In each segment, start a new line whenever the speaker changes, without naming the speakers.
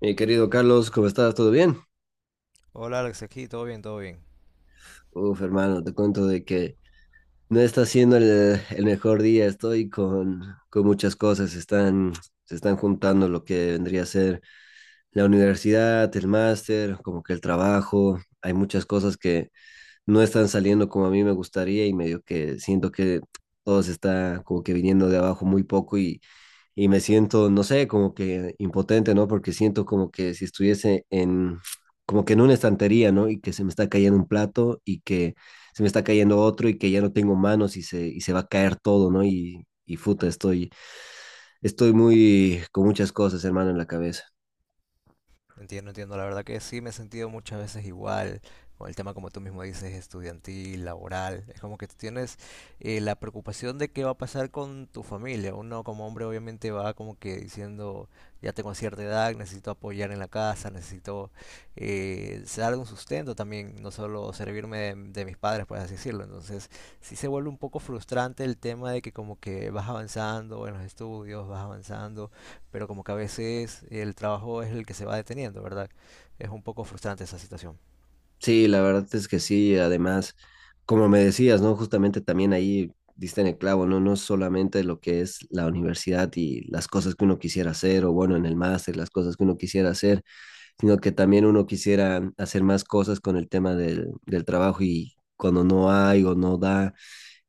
Mi querido Carlos, ¿cómo estás? ¿Todo bien?
Hola Alex, aquí todo bien, todo bien.
Uf, hermano, te cuento de que no está siendo el mejor día. Estoy con muchas cosas. Se están juntando lo que vendría a ser la universidad, el máster, como que el trabajo. Hay muchas cosas que no están saliendo como a mí me gustaría y medio que siento que todo se está como que viniendo de abajo muy poco y me siento, no sé, como que impotente, ¿no? Porque siento como que si estuviese como que en una estantería, ¿no? Y que se me está cayendo un plato y que se me está cayendo otro y que ya no tengo manos y se va a caer todo, ¿no? Y puta, estoy con muchas cosas, hermano, en la cabeza.
Entiendo, entiendo. La verdad que sí me he sentido muchas veces igual con el tema, como tú mismo dices, estudiantil, laboral. Es como que tú tienes la preocupación de qué va a pasar con tu familia. Uno como hombre obviamente va como que diciendo, ya tengo cierta edad, necesito apoyar en la casa, necesito dar un sustento también, no solo servirme de mis padres, por así decirlo. Entonces sí se vuelve un poco frustrante el tema de que como que vas avanzando en los estudios, vas avanzando pero como que a veces el trabajo es el que se va deteniendo, ¿verdad? Es un poco frustrante esa situación.
Sí, la verdad es que sí, además, como me decías, ¿no? Justamente también ahí diste en el clavo, ¿no? No es solamente lo que es la universidad y las cosas que uno quisiera hacer, o bueno, en el máster, las cosas que uno quisiera hacer, sino que también uno quisiera hacer más cosas con el tema del trabajo y cuando no hay o no da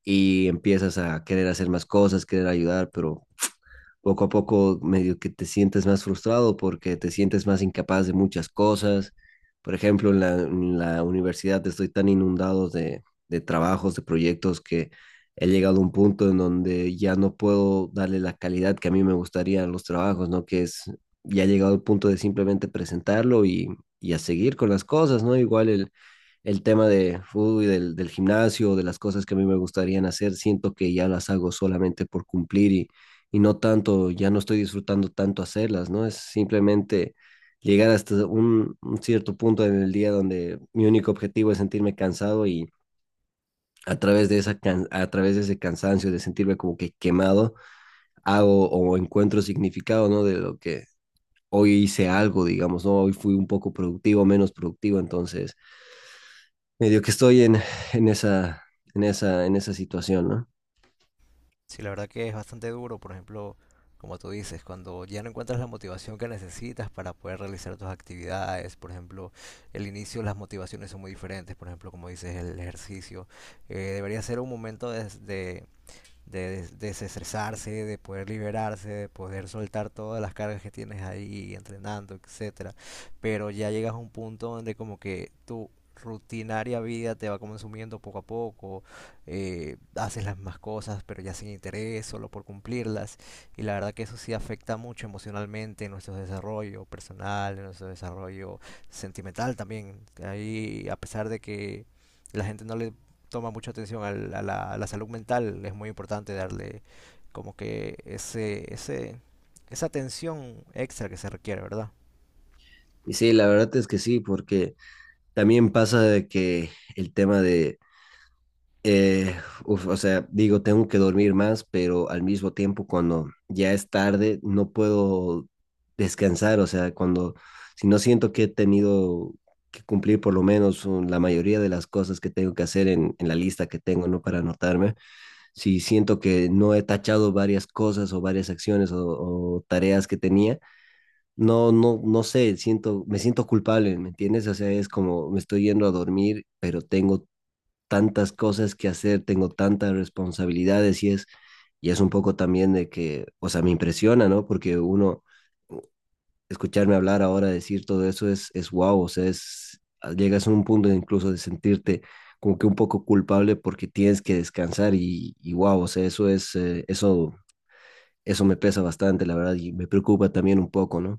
y empiezas a querer hacer más cosas, querer ayudar, pero poco a poco medio que te sientes más frustrado porque te sientes más incapaz de muchas cosas. Por ejemplo, en la universidad estoy tan inundado de trabajos, de proyectos que he llegado a un punto en donde ya no puedo darle la calidad que a mí me gustaría a los trabajos, ¿no? Que ya he llegado al punto de simplemente presentarlo y a seguir con las cosas, ¿no? Igual el tema de fútbol y del gimnasio, de las cosas que a mí me gustarían hacer, siento que ya las hago solamente por cumplir y no tanto, ya no estoy disfrutando tanto hacerlas, ¿no? Es simplemente llegar hasta un cierto punto en el día donde mi único objetivo es sentirme cansado y a través de ese cansancio de sentirme como que quemado, hago o encuentro significado, ¿no? De lo que hoy hice algo, digamos, ¿no? Hoy fui un poco productivo, menos productivo, entonces medio que estoy en esa, en esa situación, ¿no?
Sí, la verdad que es bastante duro, por ejemplo, como tú dices, cuando ya no encuentras la motivación que necesitas para poder realizar tus actividades, por ejemplo, el inicio, las motivaciones son muy diferentes, por ejemplo, como dices, el ejercicio, debería ser un momento de desestresarse, de poder liberarse, de poder soltar todas las cargas que tienes ahí entrenando, etcétera. Pero ya llegas a un punto donde como que tu rutinaria vida te va consumiendo poco a poco, haces las mismas cosas pero ya sin interés, solo por cumplirlas. Y la verdad que eso sí afecta mucho emocionalmente en nuestro desarrollo personal, en nuestro desarrollo sentimental también. Ahí, a pesar de que la gente no le toma mucha atención a la salud mental, es muy importante darle como que ese, esa atención extra que se requiere, ¿verdad?
Y sí, la verdad es que sí, porque también pasa de que el tema de, eh, uf, o sea, digo, tengo que dormir más, pero al mismo tiempo cuando ya es tarde, no puedo descansar, o sea, si no siento que he tenido que cumplir por lo menos la mayoría de las cosas que tengo que hacer en la lista que tengo, ¿no? Para anotarme si siento que no he tachado varias cosas o varias acciones o tareas que tenía, no sé, siento, me siento culpable, ¿me entiendes? O sea, es como me estoy yendo a dormir, pero tengo tantas cosas que hacer, tengo tantas responsabilidades y y es un poco también de que, o sea, me impresiona, ¿no? Porque uno, escucharme hablar ahora, decir todo eso es wow, o sea, llegas a un punto incluso de sentirte como que un poco culpable porque tienes que descansar y wow, o sea, eso es, eso eso me pesa bastante, la verdad, y me preocupa también un poco, ¿no?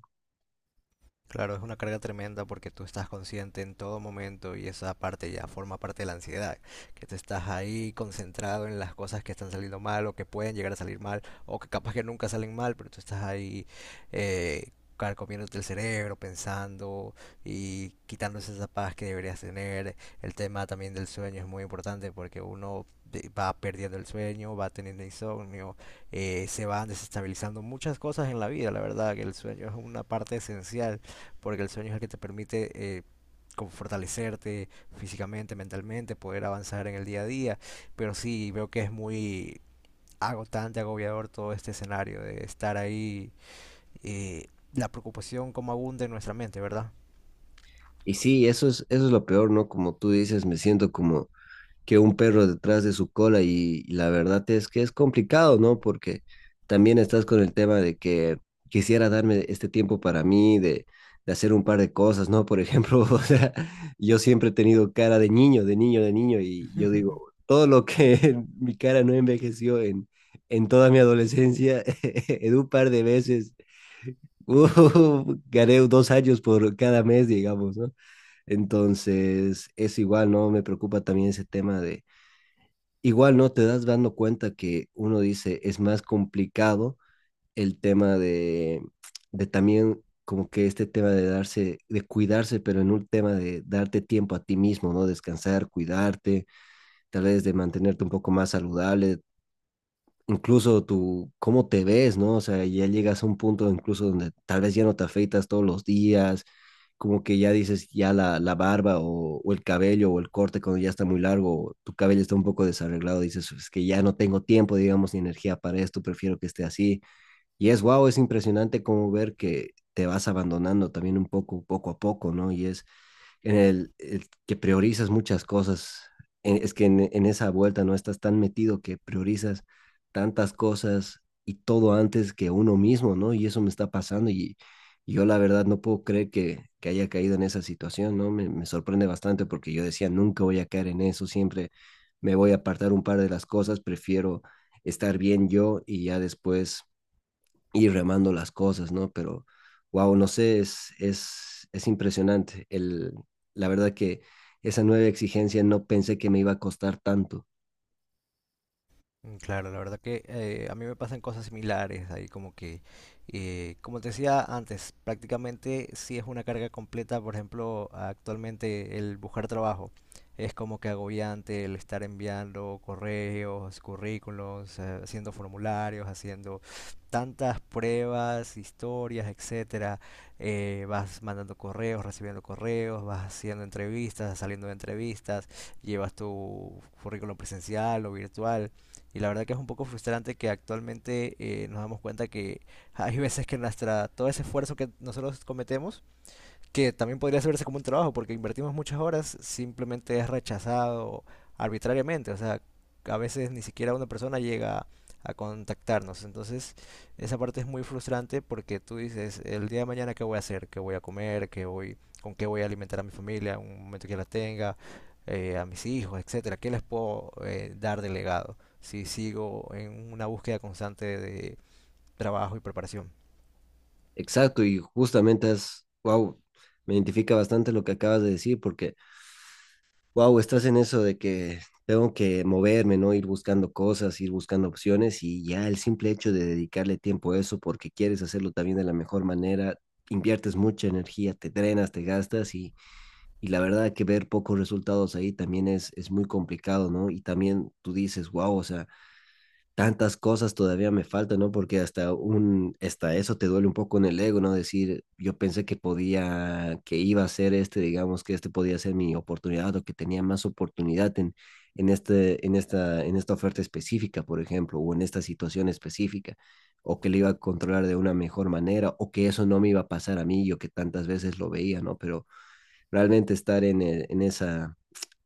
Claro, es una carga tremenda porque tú estás consciente en todo momento y esa parte ya forma parte de la ansiedad, que te estás ahí concentrado en las cosas que están saliendo mal o que pueden llegar a salir mal o que capaz que nunca salen mal, pero tú estás ahí eh, carcomiéndote el cerebro, pensando y quitándose esa paz que deberías tener. El tema también del sueño es muy importante porque uno va perdiendo el sueño, va teniendo insomnio, se van desestabilizando muchas cosas en la vida, la verdad que el sueño es una parte esencial porque el sueño es el que te permite eh, como fortalecerte físicamente, mentalmente, poder avanzar en el día a día, pero sí veo que es muy agotante, agobiador todo este escenario de estar ahí, eh, la preocupación como abunda en nuestra mente, ¿verdad?
Y sí, eso es lo peor, ¿no? Como tú dices, me siento como que un perro detrás de su cola y la verdad es que es complicado, ¿no? Porque también estás con el tema de que quisiera darme este tiempo para mí, de hacer un par de cosas, ¿no? Por ejemplo, o sea, yo siempre he tenido cara de niño, y yo digo, todo lo que mi cara no envejeció en toda mi adolescencia, en un par de veces Uh, gané 2 años por cada mes, digamos, ¿no? Entonces, es igual, ¿no? Me preocupa también ese tema de, igual, ¿no? Te das dando cuenta que uno dice, es más complicado el tema de también como que este tema de darse, de cuidarse, pero en un tema de darte tiempo a ti mismo, ¿no? Descansar, cuidarte, tal vez de mantenerte un poco más saludable, incluso tu, cómo te ves, ¿no? O sea, ya llegas a un punto incluso donde tal vez ya no te afeitas todos los días, como que ya dices, ya la barba o el cabello o el corte cuando ya está muy largo, o tu cabello está un poco desarreglado, dices, es que ya no tengo tiempo, digamos, ni energía para esto, prefiero que esté así. Y es wow, es impresionante como ver que te vas abandonando también un poco, poco a poco, ¿no? En el que priorizas muchas cosas. Es que en esa vuelta no estás tan metido que priorizas tantas cosas y todo antes que uno mismo, ¿no? Y eso me está pasando y yo la verdad no puedo creer que haya caído en esa situación, ¿no? Me sorprende bastante porque yo decía, nunca voy a caer en eso, siempre me voy a apartar un par de las cosas, prefiero estar bien yo y ya después ir remando las cosas, ¿no? Pero, wow, no sé, es impresionante. La verdad que esa nueva exigencia no pensé que me iba a costar tanto.
Mm, claro, la verdad que a mí me pasan cosas similares ahí, como que, como te decía antes, prácticamente sí es una carga completa, por ejemplo, actualmente el buscar trabajo es como que agobiante el estar enviando correos, currículos, haciendo formularios, haciendo tantas pruebas, historias, etcétera. Vas mandando correos, recibiendo correos, vas haciendo entrevistas, saliendo de entrevistas, llevas tu currículum presencial o virtual. Y la verdad que es un poco frustrante que actualmente nos damos cuenta que hay veces que nuestra, todo ese esfuerzo que nosotros cometemos que también podría verse como un trabajo, porque invertimos muchas horas, simplemente es rechazado arbitrariamente, o sea, a veces ni siquiera una persona llega a contactarnos, entonces esa parte es muy frustrante porque tú dices, el día de mañana qué voy a hacer, qué voy a comer, qué voy, con qué voy a alimentar a mi familia, en un momento que la tenga, a mis hijos, etcétera, qué les puedo dar de legado si sigo en una búsqueda constante de trabajo y preparación.
Exacto, y justamente es, wow, me identifica bastante lo que acabas de decir, porque, wow, estás en eso de que tengo que moverme, ¿no? Ir buscando cosas, ir buscando opciones y ya el simple hecho de dedicarle tiempo a eso porque quieres hacerlo también de la mejor manera, inviertes mucha energía, te drenas, te gastas y la verdad que ver pocos resultados ahí también es muy complicado, ¿no? Y también tú dices, wow, o sea, tantas cosas todavía me faltan, ¿no? Porque hasta eso te duele un poco en el ego, ¿no? Decir, yo pensé que podía, que iba a ser este, digamos, que este podía ser mi oportunidad o que tenía más oportunidad en, en esta oferta específica, por ejemplo, o en esta situación específica, o que le iba a controlar de una mejor manera, o que eso no me iba a pasar a mí, yo que tantas veces lo veía, ¿no? Pero realmente estar en,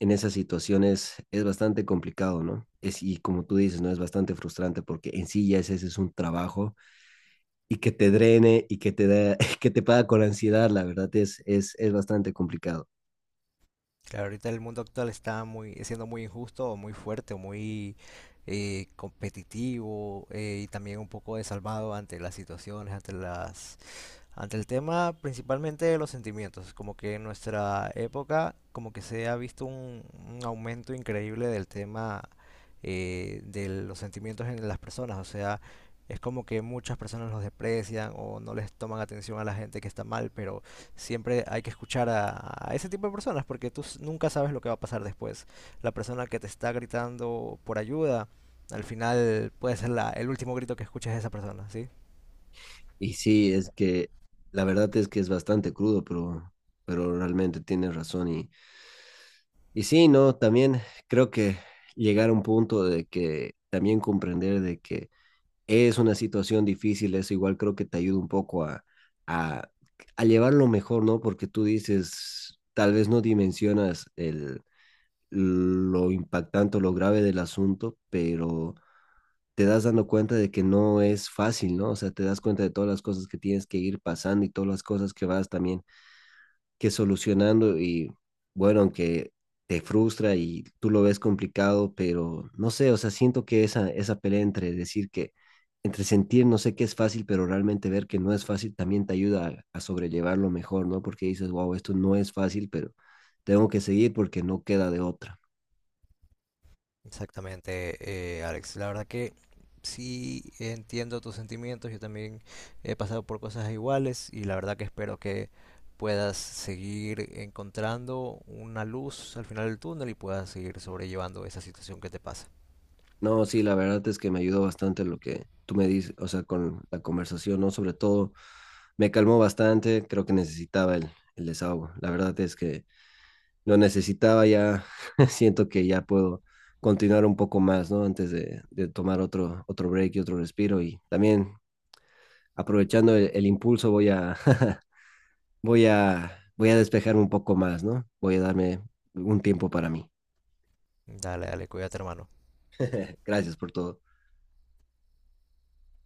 en esas situaciones es bastante complicado, ¿no? Y como tú dices, ¿no? Es bastante frustrante porque en sí ya ese es un trabajo y que te drene y que que te paga con ansiedad, la verdad es bastante complicado.
Claro, ahorita el mundo actual está muy, siendo muy injusto, o muy fuerte, o muy competitivo y también un poco desalmado ante las situaciones, ante las ante el tema principalmente de los sentimientos, como que en nuestra época como que se ha visto un aumento increíble del tema de los sentimientos en las personas, o sea, es como que muchas personas los desprecian o no les toman atención a la gente que está mal, pero siempre hay que escuchar a ese tipo de personas porque tú nunca sabes lo que va a pasar después. La persona que te está gritando por ayuda, al final puede ser el último grito que escuches de esa persona, ¿sí?
Y sí, es que la verdad es que es bastante crudo, pero realmente tienes razón. Y sí, ¿no? También creo que llegar a un punto de que también comprender de que es una situación difícil, eso igual creo que te ayuda un poco a, a llevarlo mejor, ¿no? Porque tú dices, tal vez no dimensionas lo impactante o lo grave del asunto, pero te das dando cuenta de que no es fácil, ¿no? O sea, te das cuenta de todas las cosas que tienes que ir pasando y todas las cosas que vas también que solucionando y bueno, aunque te frustra y tú lo ves complicado, pero no sé, o sea, siento que esa pelea entre decir entre sentir, no sé qué es fácil, pero realmente ver que no es fácil también te ayuda a sobrellevarlo mejor, ¿no? Porque dices, wow, esto no es fácil, pero tengo que seguir porque no queda de otra.
Exactamente, Alex. La verdad que sí entiendo tus sentimientos. Yo también he pasado por cosas iguales y la verdad que espero que puedas seguir encontrando una luz al final del túnel y puedas seguir sobrellevando esa situación que te pasa.
No, sí, la verdad es que me ayudó bastante lo que tú me dices, o sea, con la conversación, ¿no? Sobre todo, me calmó bastante, creo que necesitaba el desahogo. La verdad es que lo necesitaba ya, siento que ya puedo continuar un poco más, ¿no? Antes de tomar otro break y otro respiro y también aprovechando el impulso voy voy a despejarme un poco más, ¿no? Voy a darme un tiempo para mí.
Dale, dale, cuídate, hermano.
Gracias por todo.